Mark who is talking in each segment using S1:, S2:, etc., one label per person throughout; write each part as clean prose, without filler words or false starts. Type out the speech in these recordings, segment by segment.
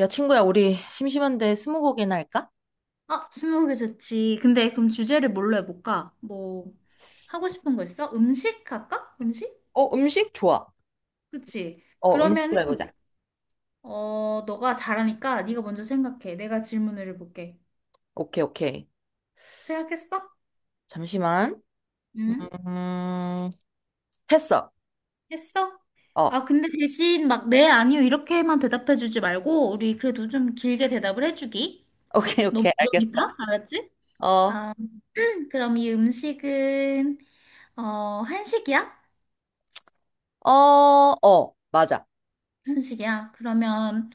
S1: 야, 친구야, 우리 심심한데 스무고개나 할까?
S2: 아, 스무고개 좋지. 근데 그럼 주제를 뭘로 해볼까? 뭐, 하고 싶은 거 있어? 음식 할까? 음식?
S1: 어, 음식 좋아.
S2: 그치?
S1: 어,
S2: 그러면,
S1: 음식으로 해보자.
S2: 어, 너가 잘하니까 네가 먼저 생각해. 내가 질문을 해볼게.
S1: 오케이, 오케이.
S2: 생각했어?
S1: 잠시만. 음,
S2: 응?
S1: 했어.
S2: 했어?
S1: 어,
S2: 아, 근데 대신 막, 네, 아니요, 이렇게만 대답해주지 말고, 우리 그래도 좀 길게 대답을 해주기.
S1: 오케이,
S2: 너무
S1: 오케이,
S2: 어려우니까,
S1: 알겠어.
S2: 알았지?
S1: 어,
S2: 아, 그럼 이 음식은, 어, 한식이야?
S1: 어, 어, 맞아.
S2: 한식이야. 그러면,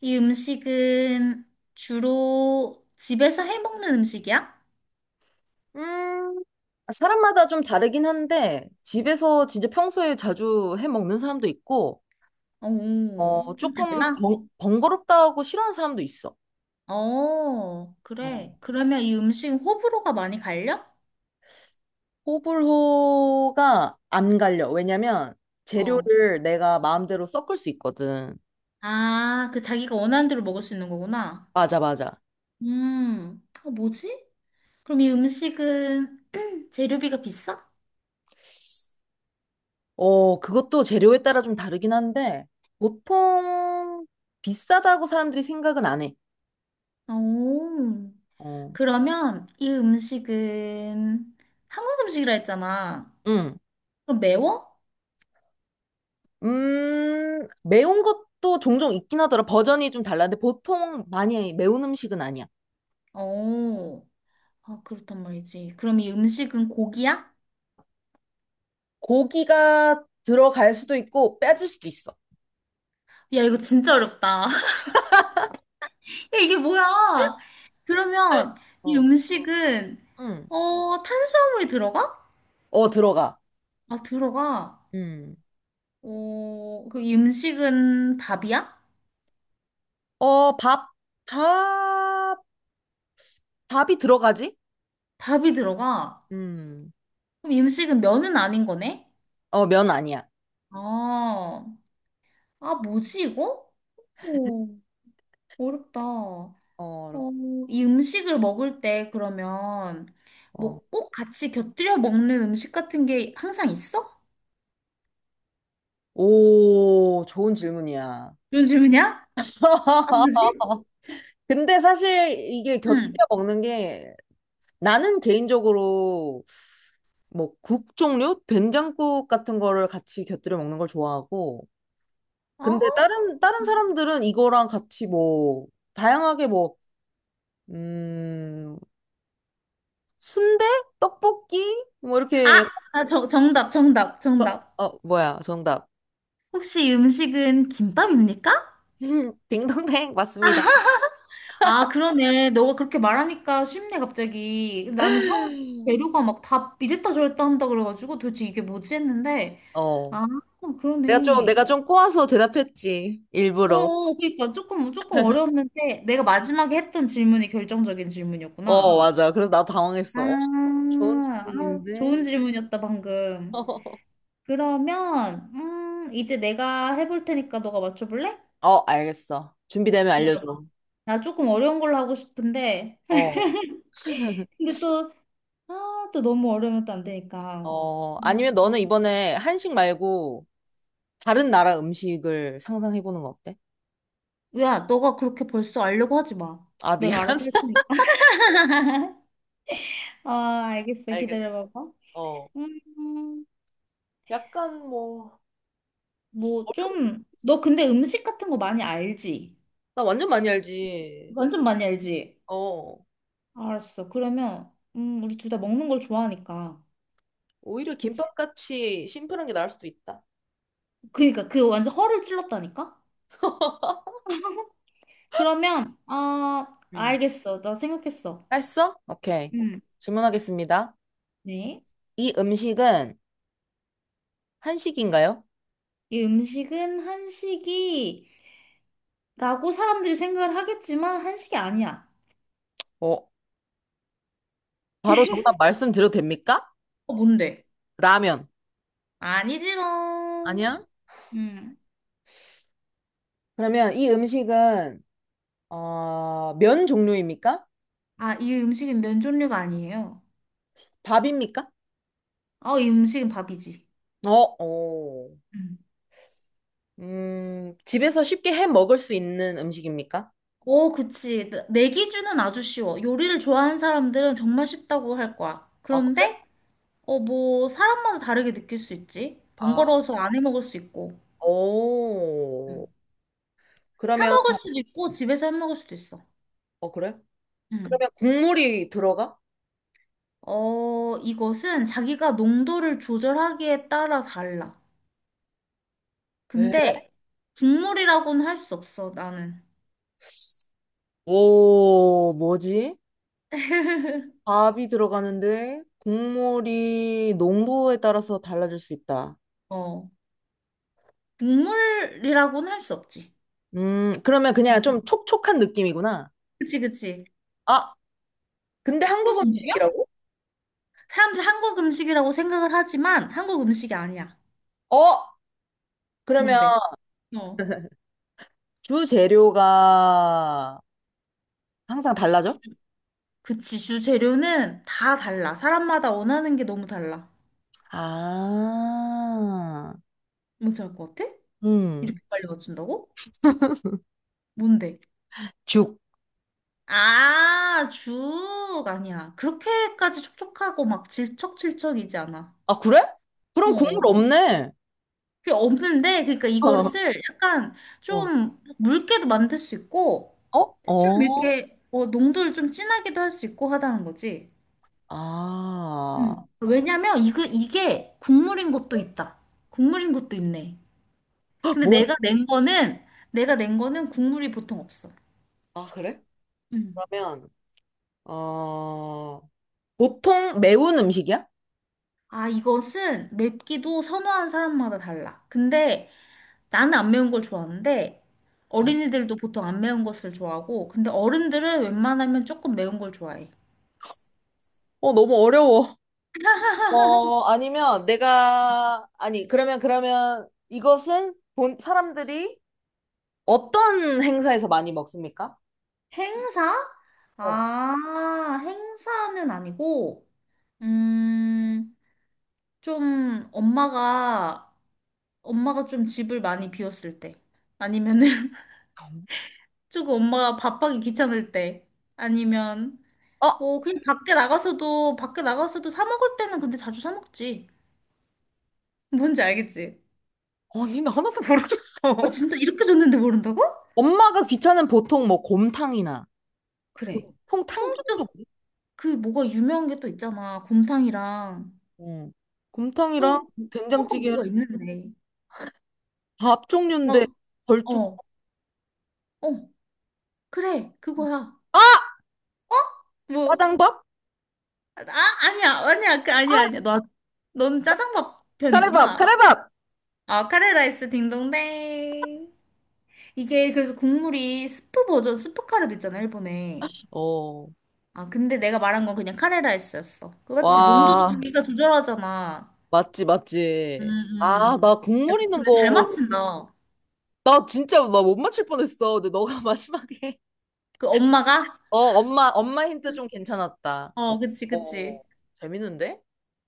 S2: 이 음식은 주로 집에서 해 먹는 음식이야?
S1: 음, 사람마다 좀 다르긴 한데, 집에서 진짜 평소에 자주 해 먹는 사람도 있고, 어,
S2: 오, 좀
S1: 조금
S2: 달라?
S1: 번거롭다고 싫어하는 사람도 있어.
S2: 어,
S1: 어,
S2: 그래. 그러면 이 음식은 호불호가 많이 갈려?
S1: 호불호가 안 갈려. 왜냐면,
S2: 어.
S1: 재료를 내가 마음대로 섞을 수 있거든.
S2: 아, 그 자기가 원하는 대로 먹을 수 있는 거구나.
S1: 맞아, 맞아.
S2: 어, 뭐지? 그럼 이 음식은 재료비가 비싸?
S1: 어, 그것도 재료에 따라 좀 다르긴 한데, 보통 비싸다고 사람들이 생각은 안 해.
S2: 오,
S1: 어,
S2: 그러면 이 음식은 한국 음식이라 했잖아.
S1: 응.
S2: 그럼 매워?
S1: 매운 것도 종종 있긴 하더라. 버전이 좀 달라는데, 보통 많이 매운 음식은 아니야.
S2: 오, 아, 그렇단 말이지. 그럼 이 음식은 고기야?
S1: 고기가 들어갈 수도 있고, 빼질 수도 있어.
S2: 야, 이거 진짜 어렵다. 야, 이게 뭐야? 그러면 이
S1: 어.
S2: 음식은,
S1: 응.
S2: 어, 탄수화물이 들어가?
S1: 어, 들어가.
S2: 아, 들어가.
S1: 음.
S2: 어, 그 이 음식은 밥이야?
S1: 어, 밥, 밥이 들어가지?
S2: 밥이 들어가.
S1: 음.
S2: 그럼 이 음식은 면은 아닌 거네?
S1: 어, 면 아니야.
S2: 아, 아, 뭐지, 이거? 오, 어렵다. 어,
S1: 어,
S2: 이 음식을 먹을 때 그러면
S1: 어.
S2: 뭐 꼭 같이 곁들여 먹는 음식 같은 게 항상 있어?
S1: 오, 좋은 질문이야.
S2: 그런 질문이야? 아, 뭐지?
S1: 근데 사실 이게
S2: 응.
S1: 곁들여 먹는 게 나는 개인적으로 뭐 국 종류, 된장국 같은 거를 같이 곁들여 먹는 걸 좋아하고
S2: 어?
S1: 근데 다른 사람들은 이거랑 같이 뭐 다양하게 뭐 음, 순대, 떡볶이 뭐 이렇게
S2: 아, 아, 저, 정답, 정답, 정답.
S1: 어 뭐야 정답.
S2: 혹시 이 음식은 김밥입니까?
S1: 딩동댕 맞습니다.
S2: 아, 그러네. 너가 그렇게 말하니까 쉽네, 갑자기. 나는 처음 재료가 막 다 이랬다 저랬다 한다 그래가지고 도대체 이게 뭐지 했는데.
S1: 어
S2: 아,
S1: 내가 좀
S2: 그러네.
S1: 내가 좀 꼬아서 대답했지
S2: 어,
S1: 일부러.
S2: 어, 그러니까 조금, 조금 어려웠는데 내가 마지막에 했던 질문이 결정적인
S1: 어
S2: 질문이었구나.
S1: 맞아. 그래서 나
S2: 아,
S1: 당황했어. 어, 좋은
S2: 아,
S1: 질문인데.
S2: 좋은 질문이었다, 방금. 그러면 이제 내가 해볼 테니까 너가 맞춰볼래?
S1: 어, 알겠어. 준비되면 알려줘.
S2: 기다려봐. 나 조금 어려운 걸로 하고 싶은데
S1: 어,
S2: 근데 또, 아, 또 너무 어려우면 또 안 되니까.
S1: 어,
S2: 음.
S1: 아니면 너는 이번에 한식 말고 다른 나라 음식을 상상해보는 거 어때?
S2: 야, 너가 그렇게 벌써 알려고 하지 마.
S1: 아, 미안.
S2: 내가 알아서 할 테니까. 아, 알겠어.
S1: 알겠어.
S2: 기다려봐봐.
S1: 어.
S2: 음,
S1: 약간 뭐,
S2: 뭐
S1: 어려운,
S2: 좀, 너 근데 음식 같은 거 많이 알지?
S1: 나 완전 많이 알지.
S2: 완전 많이 알지?
S1: 어.
S2: 알았어. 그러면 우리 둘 다 먹는 걸 좋아하니까.
S1: 오히려
S2: 그치?
S1: 김밥같이 심플한 게 나을 수도 있다.
S2: 그니까 그 완전 허를 찔렀다니까? 그러면, 어,
S1: 음.
S2: 알겠어. 나 생각했어.
S1: 했어? 오케이.
S2: 음.
S1: 질문하겠습니다.
S2: 네.
S1: 이 음식은 한식인가요?
S2: 이 음식은 한식이라고 사람들이 생각을 하겠지만 한식이 아니야.
S1: 어, 바로 정답 말씀드려도 됩니까?
S2: 어, 뭔데?
S1: 라면.
S2: 아니지롱.
S1: 아니야?
S2: 음.
S1: 그러면 이 음식은 면 종류입니까?
S2: 아, 이 음식은 면 종류가 아니에요.
S1: 밥입니까?
S2: 아, 이 음식은 밥이지.
S1: 어, 어.
S2: 음.
S1: 집에서 쉽게 해 먹을 수 있는 음식입니까?
S2: 어, 그치. 내 기준은 아주 쉬워. 요리를 좋아하는 사람들은 정말 쉽다고 할 거야.
S1: 아, 그래?
S2: 그런데, 어, 뭐, 사람마다 다르게 느낄 수 있지.
S1: 아,
S2: 번거로워서 안 해 먹을 수 있고.
S1: 오.
S2: 사
S1: 그러면
S2: 먹을 수도 있고 집에서 해 먹을 수도 있어.
S1: 그래?
S2: 음.
S1: 그러면 국물이 들어가?
S2: 어, 이것은 자기가 농도를 조절하기에 따라 달라.
S1: 에?
S2: 근데 국물이라고는 할 수 없어, 나는.
S1: 오, 뭐지? 밥이 들어가는데 국물이 농도에 따라서 달라질 수 있다.
S2: 어. 국물이라고는 할 수 없지.
S1: 그러면
S2: 음.
S1: 그냥 좀 촉촉한 느낌이구나.
S2: 그치, 그치.
S1: 아, 근데
S2: 또
S1: 한국
S2: 음식이야?
S1: 음식이라고?
S2: 사람들 한국 음식이라고 생각을 하지만 한국 음식이 아니야.
S1: 어, 그러면
S2: 뭔데? 어.
S1: 주 재료가 항상 달라져?
S2: 그치, 주재료는 다 달라. 사람마다 원하는 게 너무 달라.
S1: 아,
S2: 뭔지 알 것 같아?
S1: 음,
S2: 이렇게 빨리 맞춘다고? 뭔데?
S1: 죽.
S2: 아, 죽 아니야. 그렇게까지 촉촉하고 막 질척질척이지 않아.
S1: 아, 그래? 그럼 국물
S2: 어.
S1: 없네.
S2: 그게 없는데, 그러니까 이걸 쓸 약간
S1: 어. 어,
S2: 좀 묽게도 만들 수 있고,
S1: 어?
S2: 좀
S1: 어?
S2: 이렇게 어, 농도를 좀 진하게도 할 수 있고 하다는 거지.
S1: 아,
S2: 음. 왜냐면 이거 이게 국물인 것도 있다. 국물인 것도 있네. 근데
S1: 뭐지?
S2: 내가 낸 거는 국물이 보통 없어.
S1: 아, 그래?
S2: 음.
S1: 그러면, 어, 보통 매운 음식이야?
S2: 아, 이것은 맵기도 선호하는 사람마다 달라. 근데 나는 안 매운 걸 좋아하는데
S1: 어,
S2: 어린이들도 보통 안 매운 것을 좋아하고 근데 어른들은 웬만하면 조금 매운 걸 좋아해.
S1: 어, 너무 어려워. 어, 아니면 내가, 아니, 그러면 이것은 본 사람들이 어떤 행사에서 많이 먹습니까?
S2: 행사?
S1: 어,
S2: 아, 행사는 아니고, 음, 좀 엄마가 좀 집을 많이 비웠을 때 아니면은 조금 엄마가 밥하기 귀찮을 때 아니면
S1: 어?
S2: 뭐 그냥 밖에 나가서도 사 먹을 때는 근데 자주 사 먹지. 뭔지 알겠지?
S1: 아니, 나 하나도
S2: 아
S1: 모르겠어.
S2: 진짜 이렇게 줬는데 모른다고?
S1: 엄마가 귀찮은 보통 뭐 곰탕이나
S2: 그래.
S1: 보통 탕
S2: 그래서
S1: 종류 그래?
S2: 그 뭐가 유명한 게 또 있잖아. 곰탕이랑
S1: 어. 곰탕이랑
S2: 또 또가
S1: 된장찌개랑
S2: 뭐가 있는데.
S1: 밥 종류인데
S2: 막
S1: 걸쭉
S2: 어, 어, 그래 그거야.
S1: 아!
S2: 어? 뭐?
S1: 짜장밥?
S2: 아 아니야 아니야 그 아니야 아니야. 너 넌 짜장밥
S1: 카레밥
S2: 편이구나.
S1: 카레밥.
S2: 아 카레라이스 딩동댕. 이게 그래서 국물이 스프 버전 스프 카레도 있잖아 일본에.
S1: 어.
S2: 아 근데 내가 말한 건 그냥 카레라이스였어. 그 맞지? 농도도
S1: 와
S2: 자기가 조절하잖아.
S1: 맞지
S2: 음,
S1: 맞지. 아
S2: 음.
S1: 나
S2: 야,
S1: 국물 있는
S2: 근데 잘
S1: 거.
S2: 맞춘다.
S1: 나 진짜 나 못 맞힐 뻔했어 근데 너가 마지막에
S2: 그 엄마가?
S1: 어 엄마 힌트 좀 괜찮았다.
S2: 어, 그치,
S1: 어
S2: 그치.
S1: 재밌는데?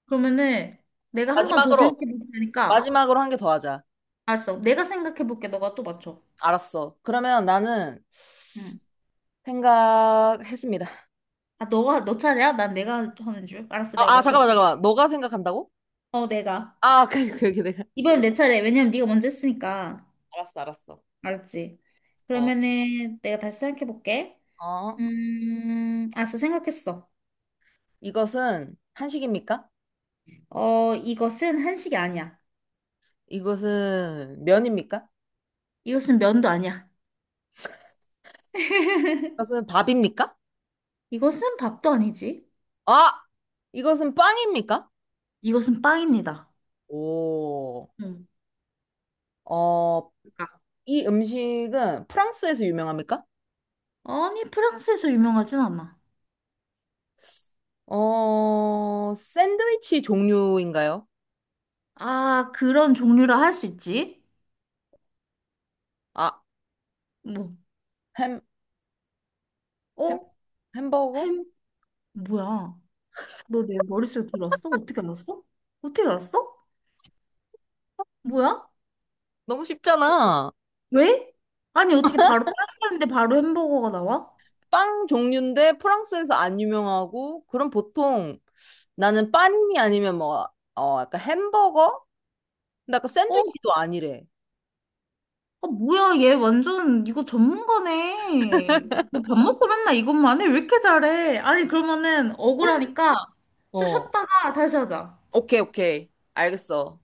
S2: 그러면은 내가 한 번 더 생각해
S1: 마지막으로
S2: 볼 테니까.
S1: 마지막으로 한 개 더 하자.
S2: 알았어. 내가 생각해 볼게. 너가 또 맞춰.
S1: 알았어. 그러면 나는
S2: 응.
S1: 생각했습니다.
S2: 아, 너가, 너 차례야? 난 내가 하는 줄. 알았어.
S1: 아,
S2: 내가
S1: 아,
S2: 맞춰
S1: 잠깐만,
S2: 볼게.
S1: 잠깐만. 너가 생각한다고?
S2: 어, 내가.
S1: 아, 내가.
S2: 이번엔 내 차례. 왜냐면 네가 먼저 했으니까.
S1: 알았어, 알았어.
S2: 알았지?
S1: 어,
S2: 그러면은 내가 다시 생각해 볼게.
S1: 어.
S2: 알았어. 생각했어.
S1: 이것은 한식입니까?
S2: 어, 이것은 한식이 아니야.
S1: 이것은 면입니까?
S2: 이것은 면도 아니야.
S1: 이것은 밥입니까?
S2: 이것은 밥도 아니지.
S1: 아! 이것은 빵입니까?
S2: 이것은 빵입니다.
S1: 오,
S2: 응.
S1: 어, 이 음식은 프랑스에서 유명합니까?
S2: 아니, 프랑스에서 유명하진 않아.
S1: 샌드위치 종류인가요?
S2: 아, 그런 종류라 할 수 있지?
S1: 아,
S2: 뭐,
S1: 햄, 햄,
S2: 어?
S1: 햄버거?
S2: 햄? 뭐야? 너 내 머릿속에 들었어? 어떻게 알았어? 어떻게 알았어? 뭐야?
S1: 너무 쉽잖아.
S2: 왜? 아니, 어떻게 바로 프랑스인데 바로 햄버거가 나와?
S1: 빵 종류인데 프랑스에서 안 유명하고 그럼 보통 나는 빵이 아니면 뭐 약간 햄버거? 근데 아까
S2: 어?
S1: 샌드위치도 아니래.
S2: 아, 뭐야, 얘 완전 이거 전문가네. 너 밥 먹고 맨날 이것만 해? 왜 이렇게 잘해? 아니, 그러면은 억울하니까
S1: 어.
S2: 쉬었다가 다시 하자.
S1: 오케이 오케이 알겠어.